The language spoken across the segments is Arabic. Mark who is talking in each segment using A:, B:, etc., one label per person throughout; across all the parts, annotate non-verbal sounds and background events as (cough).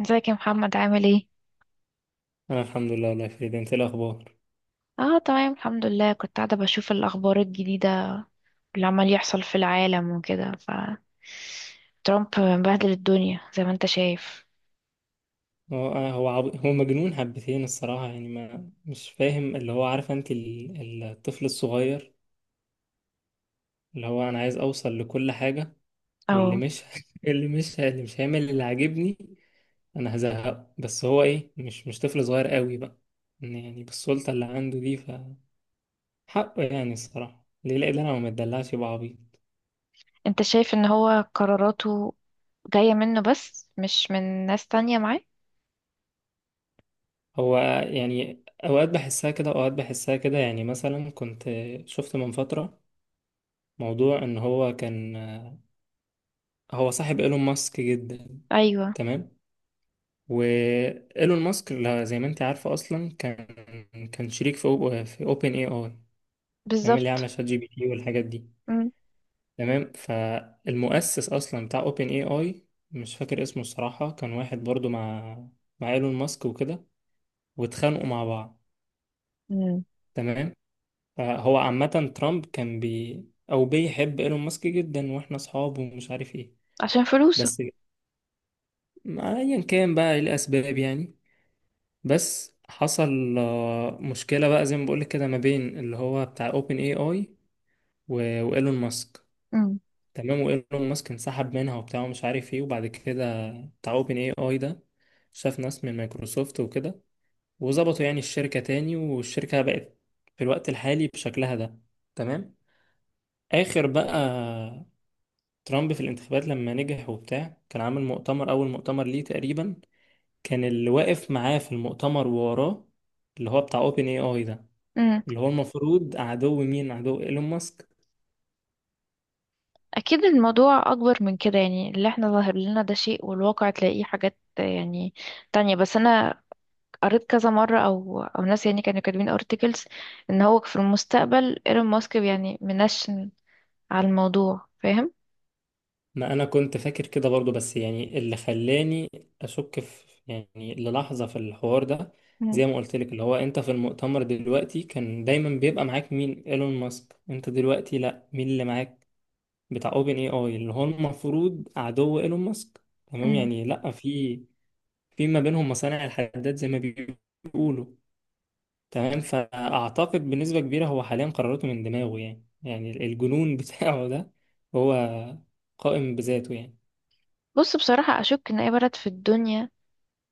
A: ازيك يا محمد، عامل ايه؟
B: انا الحمد لله والله يا فريد، انت إيه الاخبار؟
A: اه تمام الحمد لله، كنت قاعدة بشوف الأخبار الجديدة اللي عمال يحصل في العالم وكده. ف ترامب مبهدل الدنيا زي ما انت شايف.
B: هو أنا- هو عب... هو مجنون حبتين الصراحه. يعني ما مش فاهم اللي هو، عارف انت الطفل الصغير اللي هو انا عايز اوصل لكل حاجه، واللي
A: او.
B: مش (laughs) اللي مش هيعمل اللي عاجبني انا هزهقه. بس هو ايه، مش طفل صغير قوي بقى، إن يعني بالسلطه اللي عنده دي. ف حقه يعني الصراحه، ليه لا؟ انا ما اتدلعش يبقى عبيط.
A: انت شايف ان هو قراراته جاية منه بس مش من ناس تانية معاه؟
B: هو يعني اوقات بحسها كده، اوقات بحسها كده. يعني مثلا كنت شفت من فتره موضوع ان هو كان هو صاحب ايلون ماسك جدا،
A: ايوه.
B: تمام؟ وايلون ماسك زي ما انت عارفه، اصلا كان كان شريك في في اوبن اي اي. تمام؟ اللي عامله
A: بالظبط.
B: شات جي بي تي والحاجات دي.
A: مم.
B: تمام. فالمؤسس اصلا بتاع اوبن اي اي، مش فاكر اسمه الصراحه، كان واحد برضو مع ايلون ماسك وكده، واتخانقوا مع بعض.
A: مم.
B: تمام. فهو عامه ترامب كان بي او بيحب ايلون ماسك جدا، واحنا اصحاب ومش عارف ايه.
A: عشان فلوسه.
B: بس ما ايا كان بقى ايه الاسباب يعني. بس حصل مشكله بقى، زي ما بقولك كده، ما بين اللي هو بتاع اوبن اي اي وايلون ماسك.
A: مم.
B: تمام. وايلون ماسك انسحب منها وبتاع ومش عارف ايه. وبعد كده بتاع اوبن اي اي ده شاف ناس من مايكروسوفت وكده، وظبطوا يعني الشركه تاني، والشركه بقت في الوقت الحالي بشكلها ده. تمام. اخر بقى ترامب في الانتخابات لما نجح وبتاع، كان عامل مؤتمر، اول مؤتمر ليه تقريبا، كان اللي واقف معاه في المؤتمر ووراه اللي هو بتاع اوبن اي اي ده،
A: مم.
B: اللي هو المفروض عدو مين؟ عدو ايلون ماسك.
A: اكيد الموضوع اكبر من كده، يعني اللي احنا ظاهر لنا ده شيء والواقع تلاقيه حاجات يعني تانية. بس انا قريت كذا مرة، أو ناس يعني كانوا كاتبين articles إن هو في المستقبل إيلون ماسك يعني منشن على الموضوع، فاهم؟
B: ما انا كنت فاكر كده برضو، بس يعني اللي خلاني اشك في يعني للحظة في الحوار ده،
A: مم.
B: زي ما قلت لك، اللي هو انت في المؤتمر دلوقتي كان دايما بيبقى معاك مين؟ ايلون ماسك. انت دلوقتي لا، مين اللي معاك؟ بتاع اوبن اي اي، اللي هو المفروض عدو ايلون ماسك. تمام.
A: مم.
B: يعني لا، في ما بينهم مصانع الحداد زي ما بيقولوا. تمام. فأعتقد بنسبة كبيرة هو حاليا قراراته من دماغه يعني. يعني الجنون (laughs) بتاعه ده هو قائم بذاته يعني.
A: بص، بصراحة أشك إن أي بلد في الدنيا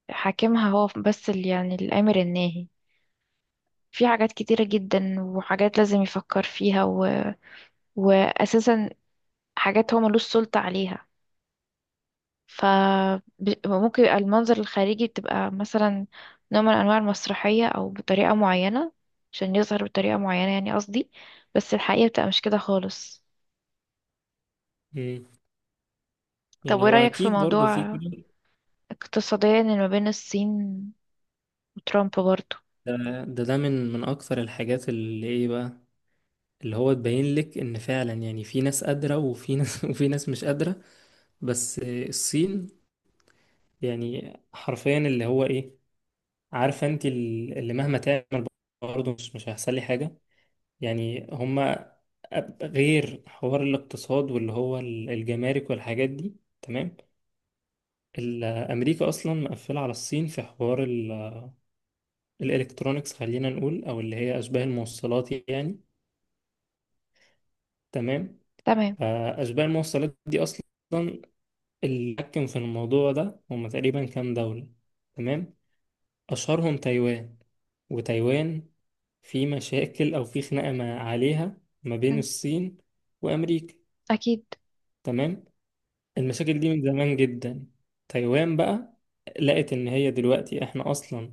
A: حاكمها هو بس اللي يعني الآمر الناهي في حاجات كتيرة جدا، وحاجات لازم يفكر فيها وأساسا حاجات هو ملوش سلطة عليها. فممكن يبقى المنظر الخارجي بتبقى مثلا نوع من أنواع المسرحية، أو بطريقة معينة عشان يظهر بطريقة معينة، يعني قصدي بس الحقيقة بتبقى مش كده خالص.
B: مم.
A: طب
B: يعني
A: وإيه
B: هو
A: رأيك في
B: أكيد برضو في
A: موضوع
B: كده.
A: اقتصاديا اللي ما بين الصين وترامب برضه؟
B: ده من أكثر الحاجات اللي إيه بقى، اللي هو تبين لك إن فعلا يعني في ناس قادرة وفي ناس (laughs) وفي ناس مش قادرة. بس الصين يعني حرفيا اللي هو إيه، عارفة أنت، اللي مهما تعمل برضه مش هيحصل لي حاجة. يعني هما غير حوار الاقتصاد واللي هو الجمارك والحاجات دي. تمام. أمريكا أصلا مقفلة على الصين في حوار الإلكترونيكس، خلينا نقول، أو اللي هي أشباه الموصلات يعني. تمام.
A: تمام.
B: فأشباه الموصلات دي أصلا اللي حكم في الموضوع ده هما تقريبا كام دولة. تمام. أشهرهم تايوان. وتايوان في مشاكل أو في خناقة ما عليها ما بين
A: مم.
B: الصين وأمريكا.
A: أكيد.
B: تمام. المشاكل دي من زمان جدا. تايوان بقى لقت ان هي دلوقتي احنا اصلا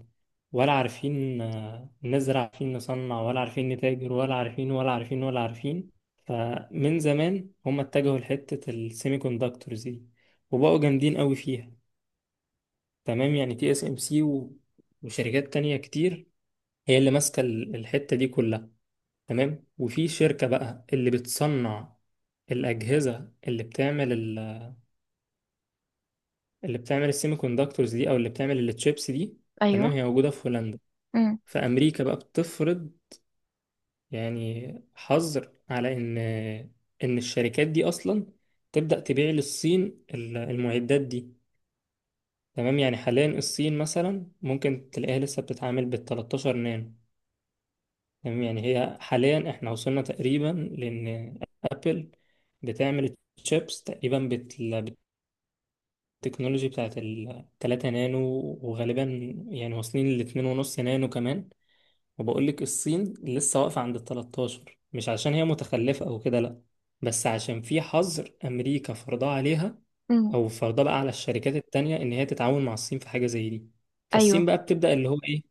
B: ولا عارفين نزرع، عارفين نصنع ولا عارفين نتاجر ولا عارفين ولا عارفين ولا عارفين. فمن زمان هم اتجهوا لحتة السيمي كوندكتورز دي، وبقوا جامدين قوي فيها. تمام. يعني تي اس ام سي وشركات تانية كتير هي اللي ماسكة الحتة دي كلها. تمام. وفي شركة بقى اللي بتصنع الأجهزة اللي بتعمل، اللي بتعمل السيمي كوندكتورز دي او اللي بتعمل التشيبس دي. تمام.
A: أيوه.
B: هي موجوده في هولندا.
A: مم.
B: فامريكا بقى بتفرض يعني حظر على ان ان الشركات دي اصلا تبدا تبيع للصين المعدات دي. تمام. يعني حاليا الصين مثلا ممكن تلاقيها لسه بتتعامل بال 13 نانو. تمام. يعني هي حاليا احنا وصلنا تقريبا لان ابل بتعمل تشيبس تقريبا التكنولوجي بتاعت التلاتة نانو. وغالبا يعني واصلين لاتنين ونص نانو كمان. وبقول لك الصين لسه واقفة عند التلتاشر، مش عشان هي متخلفة أو كده، لأ، بس عشان في حظر أمريكا فرضاه عليها،
A: مم.
B: أو فرضاه بقى على الشركات التانية إن هي تتعاون مع الصين في حاجة زي دي. فالصين
A: أيوه.
B: بقى بتبدأ اللي هو إيه،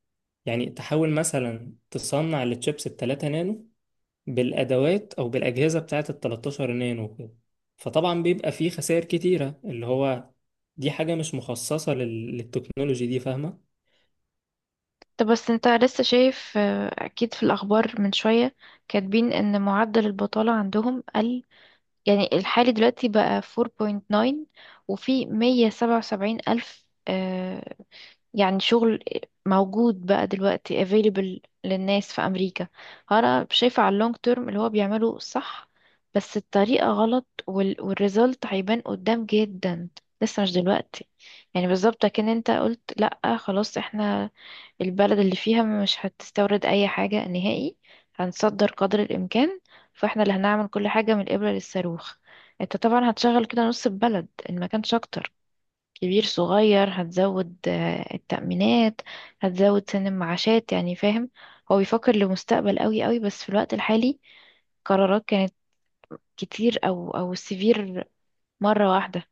B: يعني تحاول مثلا تصنع التشيبس التلاتة نانو بالادوات او بالاجهزه بتاعه ال 13 نانو كده. فطبعا بيبقى فيه خسائر كتيره، اللي هو دي حاجه مش مخصصه للتكنولوجي دي، فاهمه؟
A: طب بس انت لسه شايف، أكيد في الأخبار من شوية كاتبين إن معدل البطالة عندهم قل، يعني الحالي دلوقتي بقى 4.9، وفي 177 ألف، يعني شغل موجود بقى دلوقتي available للناس في أمريكا. أنا شايفة على اللونج تيرم اللي هو بيعمله صح، بس الطريقة غلط، وال والريزلت هيبان قدام جدا، لسه مش دلوقتي. يعني بالظبط كأن انت قلت لأ خلاص، احنا البلد اللي فيها مش هتستورد اي حاجة نهائي، هنصدر قدر الامكان، فاحنا اللي هنعمل كل حاجة من الابرة للصاروخ. انت طبعا هتشغل كده نص البلد ان ما كانش اكتر، كبير صغير، هتزود التأمينات، هتزود سن المعاشات، يعني فاهم. هو بيفكر لمستقبل قوي قوي، بس في الوقت الحالي قرارات كانت كتير او سيفير مرة واحدة.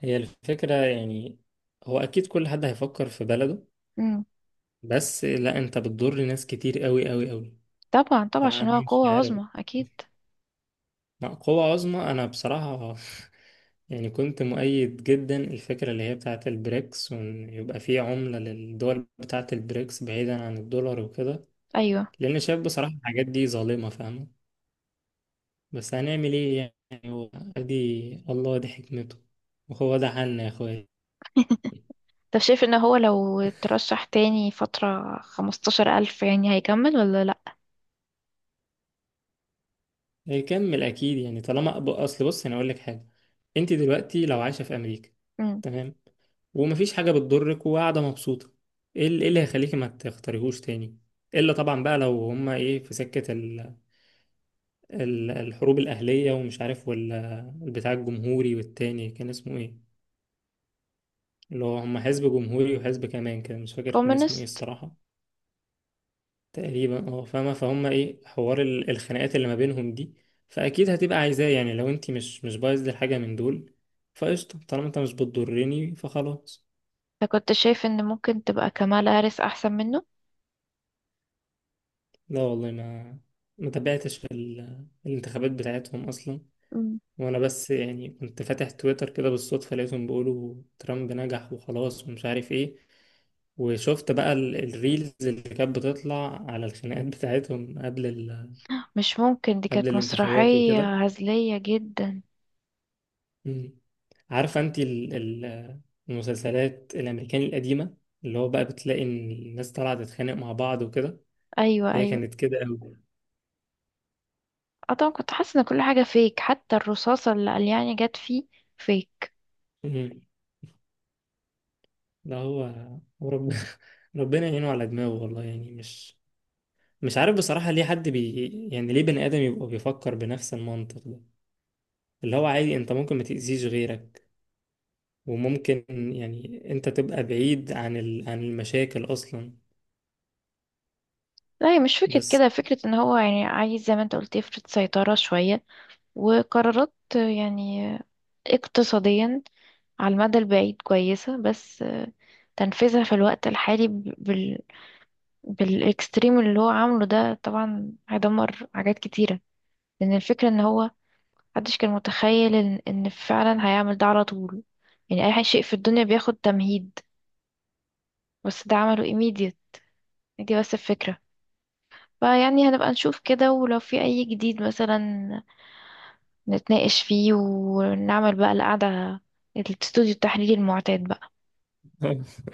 B: هي الفكره يعني هو اكيد كل حد هيفكر في بلده.
A: مم.
B: بس لا، انت بتضر ناس كتير قوي قوي قوي.
A: طبعا طبعا،
B: فانا
A: عشان هو
B: مش
A: قوة
B: عارف.
A: عظمى اكيد.
B: لا، قوة عظمى انا بصراحه (laughs) يعني كنت مؤيد جدا الفكره اللي هي بتاعه البريكس، وان يبقى فيه عمله للدول بتاعه البريكس بعيدا عن الدولار وكده.
A: ايوه.
B: لان شايف بصراحه الحاجات دي ظالمه، فاهمه؟ بس هنعمل ايه يعني. هو ادي الله دي حكمته، وهو ده حالنا يا اخويا.
A: طب شايف ان هو لو اترشح تاني فترة 15 ألف، يعني هيكمل ولا لأ؟
B: هيكمل اكيد يعني، طالما اصل بص، انا اقول لك حاجه. انت دلوقتي لو عايشه في امريكا،
A: مم.
B: تمام، ومفيش حاجه بتضرك وقاعده مبسوطه، ايه إيه اللي هيخليكي ما تختاريهوش تاني؟ الا طبعا بقى لو هما ايه في سكه ال الحروب الاهليه ومش عارف ولا بتاع الجمهوري، والتاني كان اسمه ايه؟ اللي هو هما حزب جمهوري وحزب كمان كده مش فاكر كان اسمه ايه
A: كومونست.
B: الصراحه. تقريبا اه، فاهمة؟ فهم ايه حوار الخناقات اللي ما بينهم دي. فأكيد هتبقى عايزاه يعني، لو انت مش بايظ لحاجة من دول، فقشطة. طالما انت مش بتضرني فخلاص.
A: كنت شايف ان ممكن تبقى كمالا هاريس احسن منه؟
B: لا والله، ما تابعتش في الانتخابات بتاعتهم أصلا.
A: مم.
B: وأنا بس يعني كنت فاتح تويتر كده بالصدفة، لقيتهم بيقولوا ترامب نجح وخلاص ومش عارف ايه. وشفت بقى الريلز اللي كانت بتطلع على الخناقات بتاعتهم قبل
A: مش ممكن، دي
B: قبل
A: كانت
B: الانتخابات وكده.
A: مسرحية هزلية جدا.
B: مم. عارفة انت المسلسلات الأمريكاني القديمة، اللي هو بقى بتلاقي إن الناس طالعة تتخانق مع بعض وكده؟
A: ايوه
B: هي
A: ايوه.
B: كانت كده أوي.
A: اه طبعا كنت حاسة ان كل حاجة فيك، حتى الرصاصة اللي قلياني جت فيه فيك.
B: مم. لا هو هو رب... (laughs) ربنا يعينه على دماغه والله. يعني مش مش عارف بصراحة، ليه حد بي يعني ليه بني آدم يبقى بيفكر بنفس المنطق ده؟ اللي هو عادي انت ممكن ما تأذيش غيرك، وممكن يعني انت تبقى بعيد عن عن المشاكل أصلا.
A: لا، هي مش فكرة
B: بس
A: كده، فكرة ان هو يعني عايز زي ما انت قلت يفرض سيطرة شوية، وقرارات يعني اقتصاديا على المدى البعيد كويسة، بس تنفيذها في الوقت الحالي بالاكستريم اللي هو عامله ده طبعا هيدمر حاجات كتيرة. لأن الفكرة ان هو محدش كان متخيل إن فعلا هيعمل ده على طول. يعني أي شيء في الدنيا بياخد تمهيد، بس ده عمله immediate. دي بس الفكرة. فيعني هنبقى نشوف كده، ولو في أي جديد مثلا نتناقش فيه ونعمل بقى القعدة، الاستوديو التحليلي المعتاد بقى.
B: (laughs)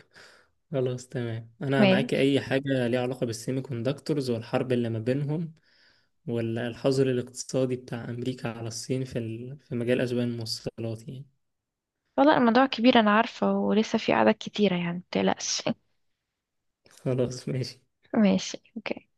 B: خلاص تمام، انا معاك.
A: ماشي.
B: اي حاجه ليها علاقه بالسيمي كوندكتورز والحرب اللي ما بينهم والحظر الاقتصادي بتاع امريكا على الصين في في مجال اسباب الموصلات يعني.
A: والله الموضوع كبير، أنا عارفة ولسه في قعدات كتيرة يعني، متقلقش (laughs)
B: خلاص ماشي.
A: ماشي، اوكي.